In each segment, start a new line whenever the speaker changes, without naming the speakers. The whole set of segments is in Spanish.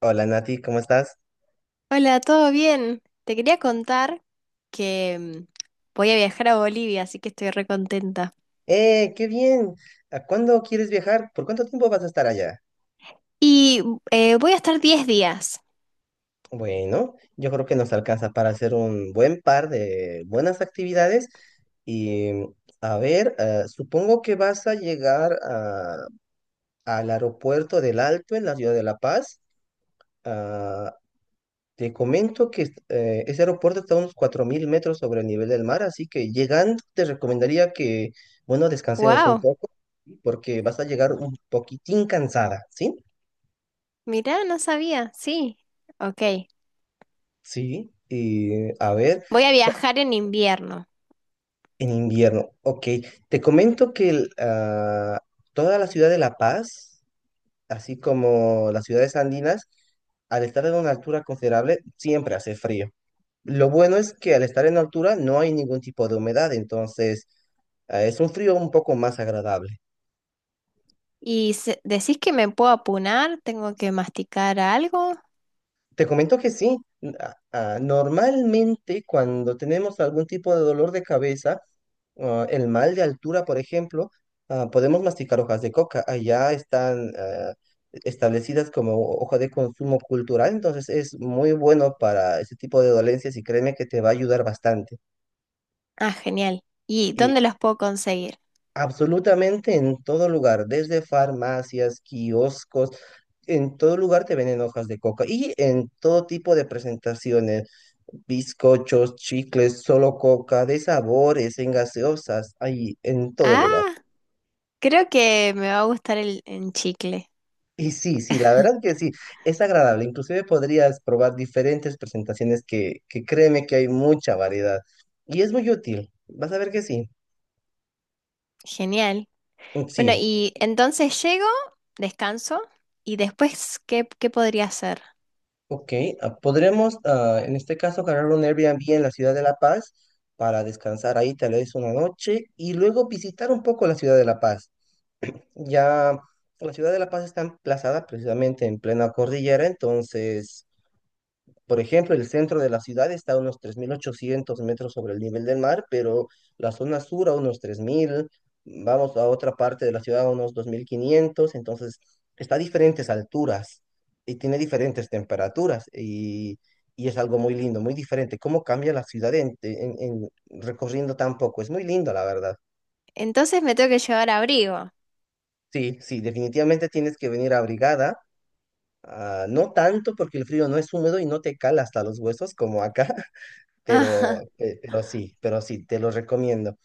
Hola Nati, ¿cómo estás?
Hola, ¿todo bien? Te quería contar que voy a viajar a Bolivia, así que estoy re contenta.
¡Qué bien! ¿A cuándo quieres viajar? ¿Por cuánto tiempo vas a estar allá?
Y voy a estar 10 días.
Bueno, yo creo que nos alcanza para hacer un buen par de buenas actividades y a ver, supongo que vas a llegar al aeropuerto del Alto en la ciudad de La Paz. Ah, Te comento que ese aeropuerto está a unos 4.000 metros sobre el nivel del mar, así que llegando te recomendaría que, bueno, descansemos un
¡Wow!
poco, porque vas a llegar un poquitín cansada, ¿sí?
Mirá, no sabía. Sí. Ok.
Sí. Y a ver,
Voy a viajar en invierno.
en invierno, ok. Te comento que toda la ciudad de La Paz, así como las ciudades andinas, al estar en una altura considerable, siempre hace frío. Lo bueno es que al estar en altura no hay ningún tipo de humedad, entonces es un frío un poco más agradable.
¿Y decís que me puedo apunar? ¿Tengo que masticar algo?
Te comento que sí, normalmente cuando tenemos algún tipo de dolor de cabeza, el mal de altura, por ejemplo, podemos masticar hojas de coca. Allá están establecidas como hoja de consumo cultural, entonces es muy bueno para ese tipo de dolencias y créeme que te va a ayudar bastante.
Ah, genial. ¿Y dónde los puedo conseguir?
Absolutamente en todo lugar, desde farmacias, kioscos, en todo lugar te venden hojas de coca y en todo tipo de presentaciones, bizcochos, chicles, solo coca, de sabores, en gaseosas, ahí en todo lugar.
Ah, creo que me va a gustar el en chicle.
Y sí, sí, la verdad que sí, es agradable. Inclusive podrías probar diferentes presentaciones que créeme que hay mucha variedad y es muy útil. Vas a ver que sí,
Genial. Bueno,
sí.
y entonces llego, descanso, y después, ¿qué, podría hacer?
Ok, podremos en este caso ganar un Airbnb en la ciudad de La Paz para descansar ahí tal vez una noche y luego visitar un poco la ciudad de La Paz. Ya la ciudad de La Paz está emplazada precisamente en plena cordillera, entonces por ejemplo, el centro de la ciudad está a unos 3.800 metros sobre el nivel del mar, pero la zona sur a unos 3.000, vamos a otra parte de la ciudad a unos 2.500, entonces está a diferentes alturas y tiene diferentes temperaturas y- es algo muy lindo, muy diferente. ¿Cómo cambia la ciudad en recorriendo tan poco? Es muy lindo, la verdad.
Entonces me tengo que llevar abrigo.
Sí, sí, definitivamente tienes que venir abrigada. No tanto porque el frío no es húmedo y no te cala hasta los huesos como acá, pero, pero sí, te lo recomiendo.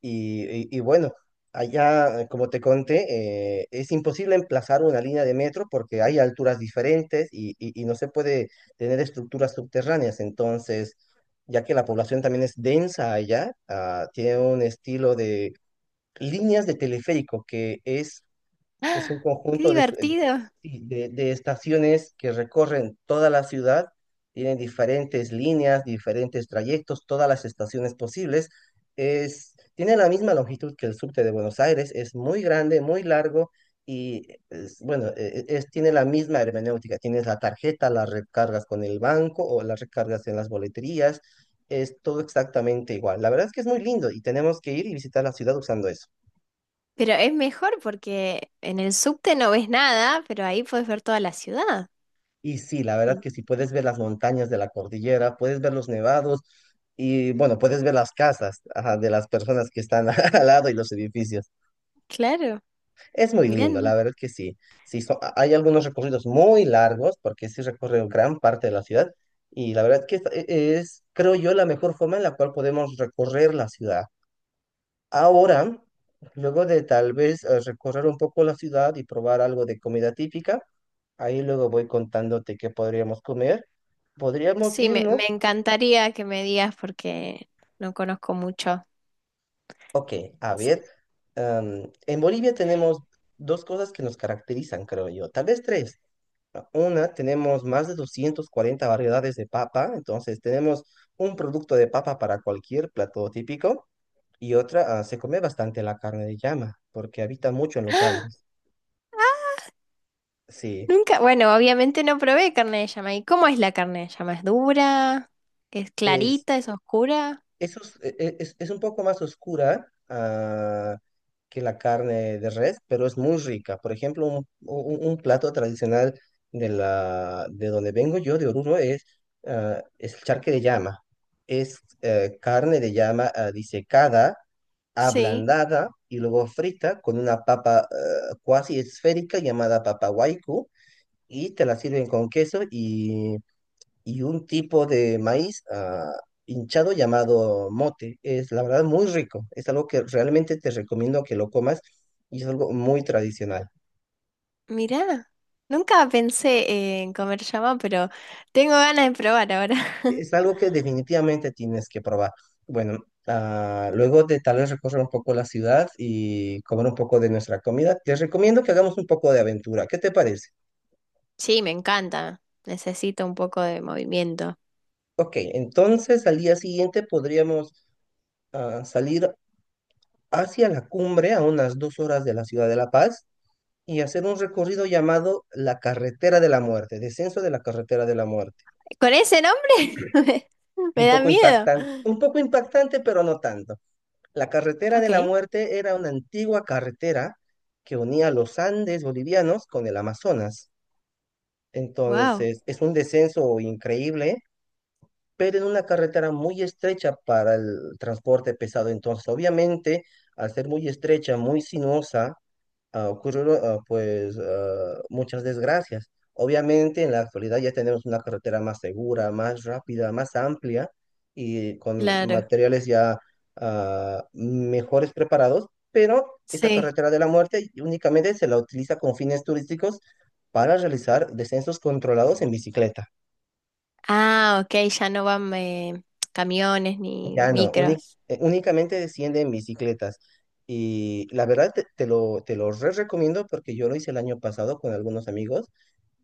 Y bueno, allá, como te conté, es imposible emplazar una línea de metro porque hay alturas diferentes y no se puede tener estructuras subterráneas. Entonces, ya que la población también es densa allá, tiene un estilo de líneas de teleférico que es
Ah,
un
qué
conjunto, sí,
divertido.
de estaciones que recorren toda la ciudad, tienen diferentes líneas, diferentes trayectos, todas las estaciones posibles. Es, tiene la misma longitud que el subte de Buenos Aires, es muy grande, muy largo, tiene la misma hermenéutica. Tienes la tarjeta, la recargas con el banco o la recargas en las boleterías. Es todo exactamente igual. La verdad es que es muy lindo y tenemos que ir y visitar la ciudad usando eso.
Pero es mejor porque en el subte no ves nada, pero ahí puedes ver toda la ciudad.
Y sí, la verdad
En-
que si puedes ver las montañas de la cordillera, puedes ver los nevados. Y bueno, puedes ver las casas, ajá, de las personas que están al lado y los edificios.
Claro,
Es muy
mirá.
lindo, la verdad que sí. Sí, hay algunos recorridos muy largos porque sí recorrió gran parte de la ciudad y la verdad que esta es, creo yo, la mejor forma en la cual podemos recorrer la ciudad. Ahora, luego de tal vez recorrer un poco la ciudad y probar algo de comida típica, ahí luego voy contándote qué podríamos comer. Podríamos
Sí, me
irnos.
encantaría que me digas porque no conozco mucho.
Ok, a ver, en Bolivia tenemos dos cosas que nos caracterizan, creo yo, tal vez tres. Una, tenemos más de 240 variedades de papa, entonces tenemos un producto de papa para cualquier plato típico. Y otra, se come bastante la carne de llama, porque habita mucho en los Andes. Sí,
Nunca, bueno, obviamente no probé carne de llama. ¿Y cómo es la carne de llama? ¿Es dura? ¿Es
es.
clarita? ¿Es oscura?
Eso es, es un poco más oscura que la carne de res, pero es muy rica. Por ejemplo, un plato tradicional de, la, de donde vengo yo, de Oruro, es el charque de llama. Es carne de llama, disecada,
Sí.
ablandada y luego frita con una papa, cuasi esférica, llamada papa waiku, y te la sirven con queso y un tipo de maíz hinchado, llamado mote. Es la verdad muy rico. Es algo que realmente te recomiendo que lo comas y es algo muy tradicional.
Mirá, nunca pensé en comer llama, pero tengo ganas de probar ahora.
Es algo que definitivamente tienes que probar. Bueno, luego de tal vez recorrer un poco la ciudad y comer un poco de nuestra comida, te recomiendo que hagamos un poco de aventura. ¿Qué te parece?
Sí, me encanta. Necesito un poco de movimiento.
Ok, entonces al día siguiente podríamos salir hacia la cumbre a unas 2 horas de la ciudad de La Paz y hacer un recorrido llamado La Carretera de la Muerte, descenso de la Carretera de la Muerte.
¿Con ese nombre? Me da miedo.
Un poco impactante, pero no tanto. La Carretera de
Ok,
la Muerte era una antigua carretera que unía los Andes bolivianos con el Amazonas.
wow,
Entonces, es un descenso increíble, pero en una carretera muy estrecha para el transporte pesado. Entonces, obviamente, al ser muy estrecha, muy sinuosa, ocurrieron muchas desgracias. Obviamente, en la actualidad ya tenemos una carretera más segura, más rápida, más amplia y con
claro.
materiales ya mejores preparados, pero esta
Sí.
carretera de la muerte únicamente se la utiliza con fines turísticos para realizar descensos controlados en bicicleta.
Ah, ok, ya no van camiones ni
Ya no,
micros.
únicamente desciende en bicicletas. Y la verdad te, te lo re recomiendo porque yo lo hice el año pasado con algunos amigos.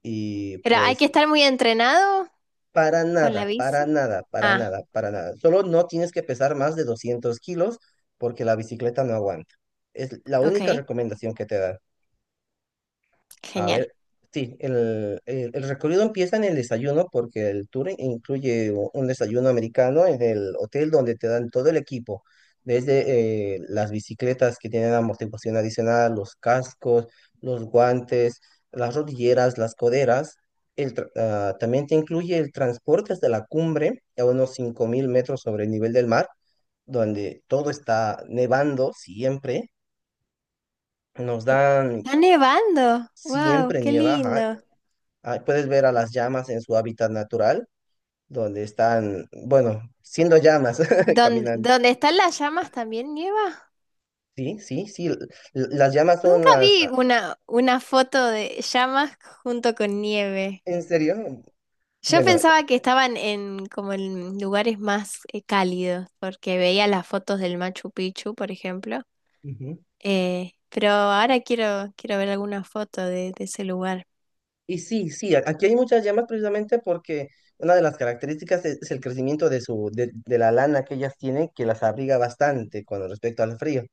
Y
Pero hay
pues
que estar muy entrenado
para
con la
nada, para
bici.
nada, para
Ah,
nada, para nada. Solo no tienes que pesar más de 200 kilos porque la bicicleta no aguanta. Es la única
ok,
recomendación que te dan. A
genial.
ver, sí, el recorrido empieza en el desayuno porque el tour incluye un desayuno americano en el hotel donde te dan todo el equipo, desde las bicicletas que tienen amortiguación adicional, los cascos, los guantes, las rodilleras, las coderas. También te incluye el transporte hasta la cumbre a unos 5.000 metros sobre el nivel del mar, donde todo está nevando siempre. Nos dan,
Está nevando. Wow,
siempre
qué
nieva.
lindo.
Puedes ver a las llamas en su hábitat natural, donde están, bueno, siendo llamas, caminando.
¿Dónde están las llamas también nieva?
Sí, sí, sí. Las llamas son
Nunca
las...
vi
ah,
una, foto de llamas junto con nieve.
¿En serio?
Yo
Bueno,
pensaba que estaban en como en lugares más cálidos, porque veía las fotos del Machu Picchu, por ejemplo.
ujú.
Pero ahora quiero, ver alguna foto de ese lugar.
Y sí, sí, aquí hay muchas llamas precisamente porque una de las características es el crecimiento de su, de la lana que ellas tienen, que las abriga bastante con respecto al frío.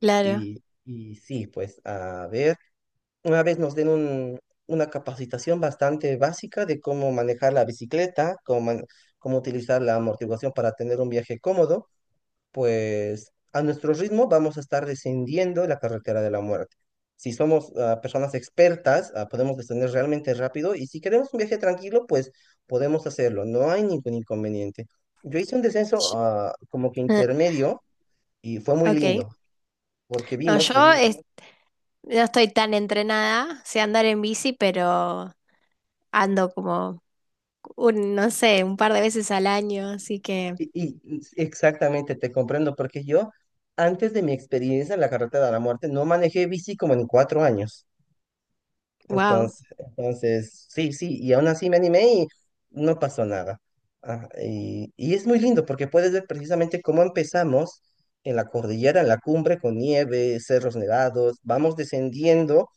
Claro.
Y sí, pues, a ver. Una vez nos den una capacitación bastante básica de cómo manejar la bicicleta, cómo utilizar la amortiguación para tener un viaje cómodo, pues a nuestro ritmo vamos a estar descendiendo la carretera de la muerte. Si somos personas expertas, podemos descender realmente rápido, y si queremos un viaje tranquilo, pues podemos hacerlo. No hay ningún inconveniente. Yo hice un descenso
Sh-
como que
eh,
intermedio y fue muy
Ok.
lindo porque
No,
vimos
yo
precisamente.
no estoy tan entrenada, sé andar en bici, pero ando como no sé, un par de veces al año, así que,
Y, y exactamente, te comprendo, porque yo, antes de mi experiencia en la carretera de la muerte, no manejé bici como en 4 años.
wow,
Entonces, entonces, sí, sí, y aún así me animé y no pasó nada. Y es muy lindo porque puedes ver precisamente cómo empezamos en la cordillera, en la cumbre, con nieve, cerros nevados, vamos descendiendo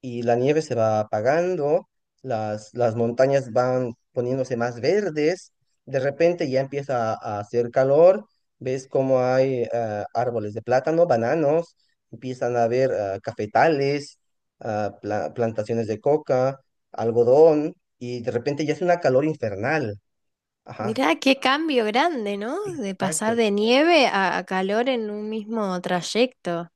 y la nieve se va apagando, las montañas van poniéndose más verdes, de repente ya empieza a hacer calor, ves cómo hay árboles de plátano, bananos, empiezan a haber cafetales, plantaciones de coca, algodón, y de repente ya es una calor infernal. Ajá,
mirá qué cambio grande, ¿no?
sí,
De
exacto.
pasar de nieve a calor en un mismo trayecto.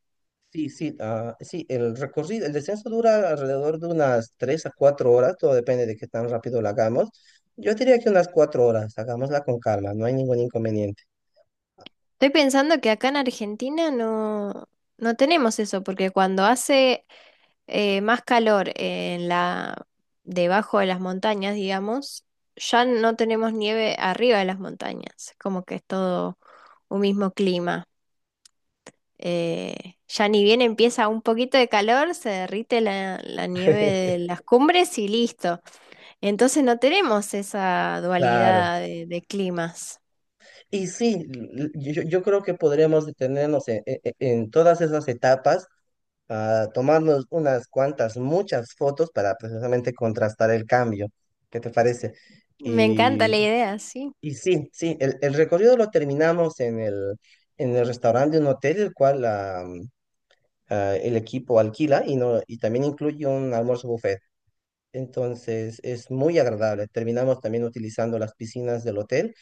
Sí, sí, sí, el recorrido, el descenso dura alrededor de unas 3 a 4 horas, todo depende de qué tan rápido lo hagamos. Yo diría que unas 4 horas, hagámosla con calma, no hay ningún inconveniente.
Estoy pensando que acá en Argentina no, no tenemos eso, porque cuando hace más calor en debajo de las montañas, digamos, ya no tenemos nieve arriba de las montañas, como que es todo un mismo clima. Ya ni bien empieza un poquito de calor, se derrite la nieve de las cumbres y listo. Entonces no tenemos esa
Claro.
dualidad de climas.
Y sí, yo, yo creo que podríamos detenernos en todas esas etapas a tomarnos unas cuantas, muchas fotos para precisamente contrastar el cambio. ¿Qué te parece?
Me encanta
Y,
la idea, sí.
y sí, sí, el recorrido lo terminamos en el restaurante de un hotel, el cual el equipo alquila y, no, y también incluye un almuerzo buffet. Entonces es muy agradable. Terminamos también utilizando las piscinas del hotel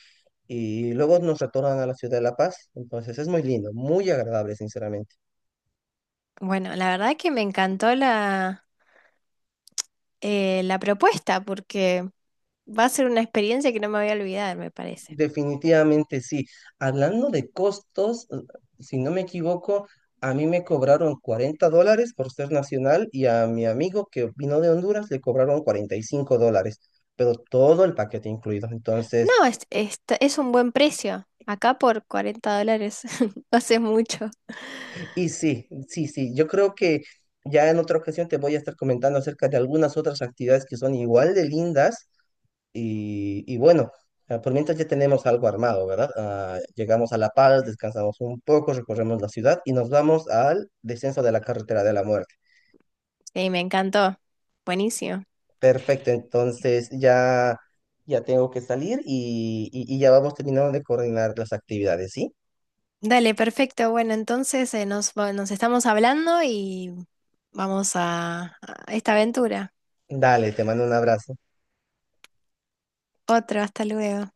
y luego nos retornan a la ciudad de La Paz. Entonces es muy lindo, muy agradable, sinceramente.
Bueno, la verdad que me encantó la propuesta porque va a ser una experiencia que no me voy a olvidar, me parece.
Definitivamente sí. Hablando de costos, si no me equivoco, a mí me cobraron 40 dólares por ser nacional y a mi amigo que vino de Honduras le cobraron 45 dólares, pero todo el paquete incluido. Entonces,
No, es un buen precio. Acá por $40 no hace mucho.
y sí, sí, sí, yo creo que ya en otra ocasión te voy a estar comentando acerca de algunas otras actividades que son igual de lindas. Y bueno, por mientras ya tenemos algo armado, ¿verdad? Llegamos a La Paz, descansamos un poco, recorremos la ciudad y nos vamos al descenso de la carretera de la muerte.
Sí, me encantó. Buenísimo.
Perfecto, entonces ya, ya tengo que salir y, y ya vamos terminando de coordinar las actividades, ¿sí?
Dale, perfecto. Bueno, entonces nos estamos hablando y vamos a esta aventura.
Dale, te mando un abrazo.
Otro, hasta luego.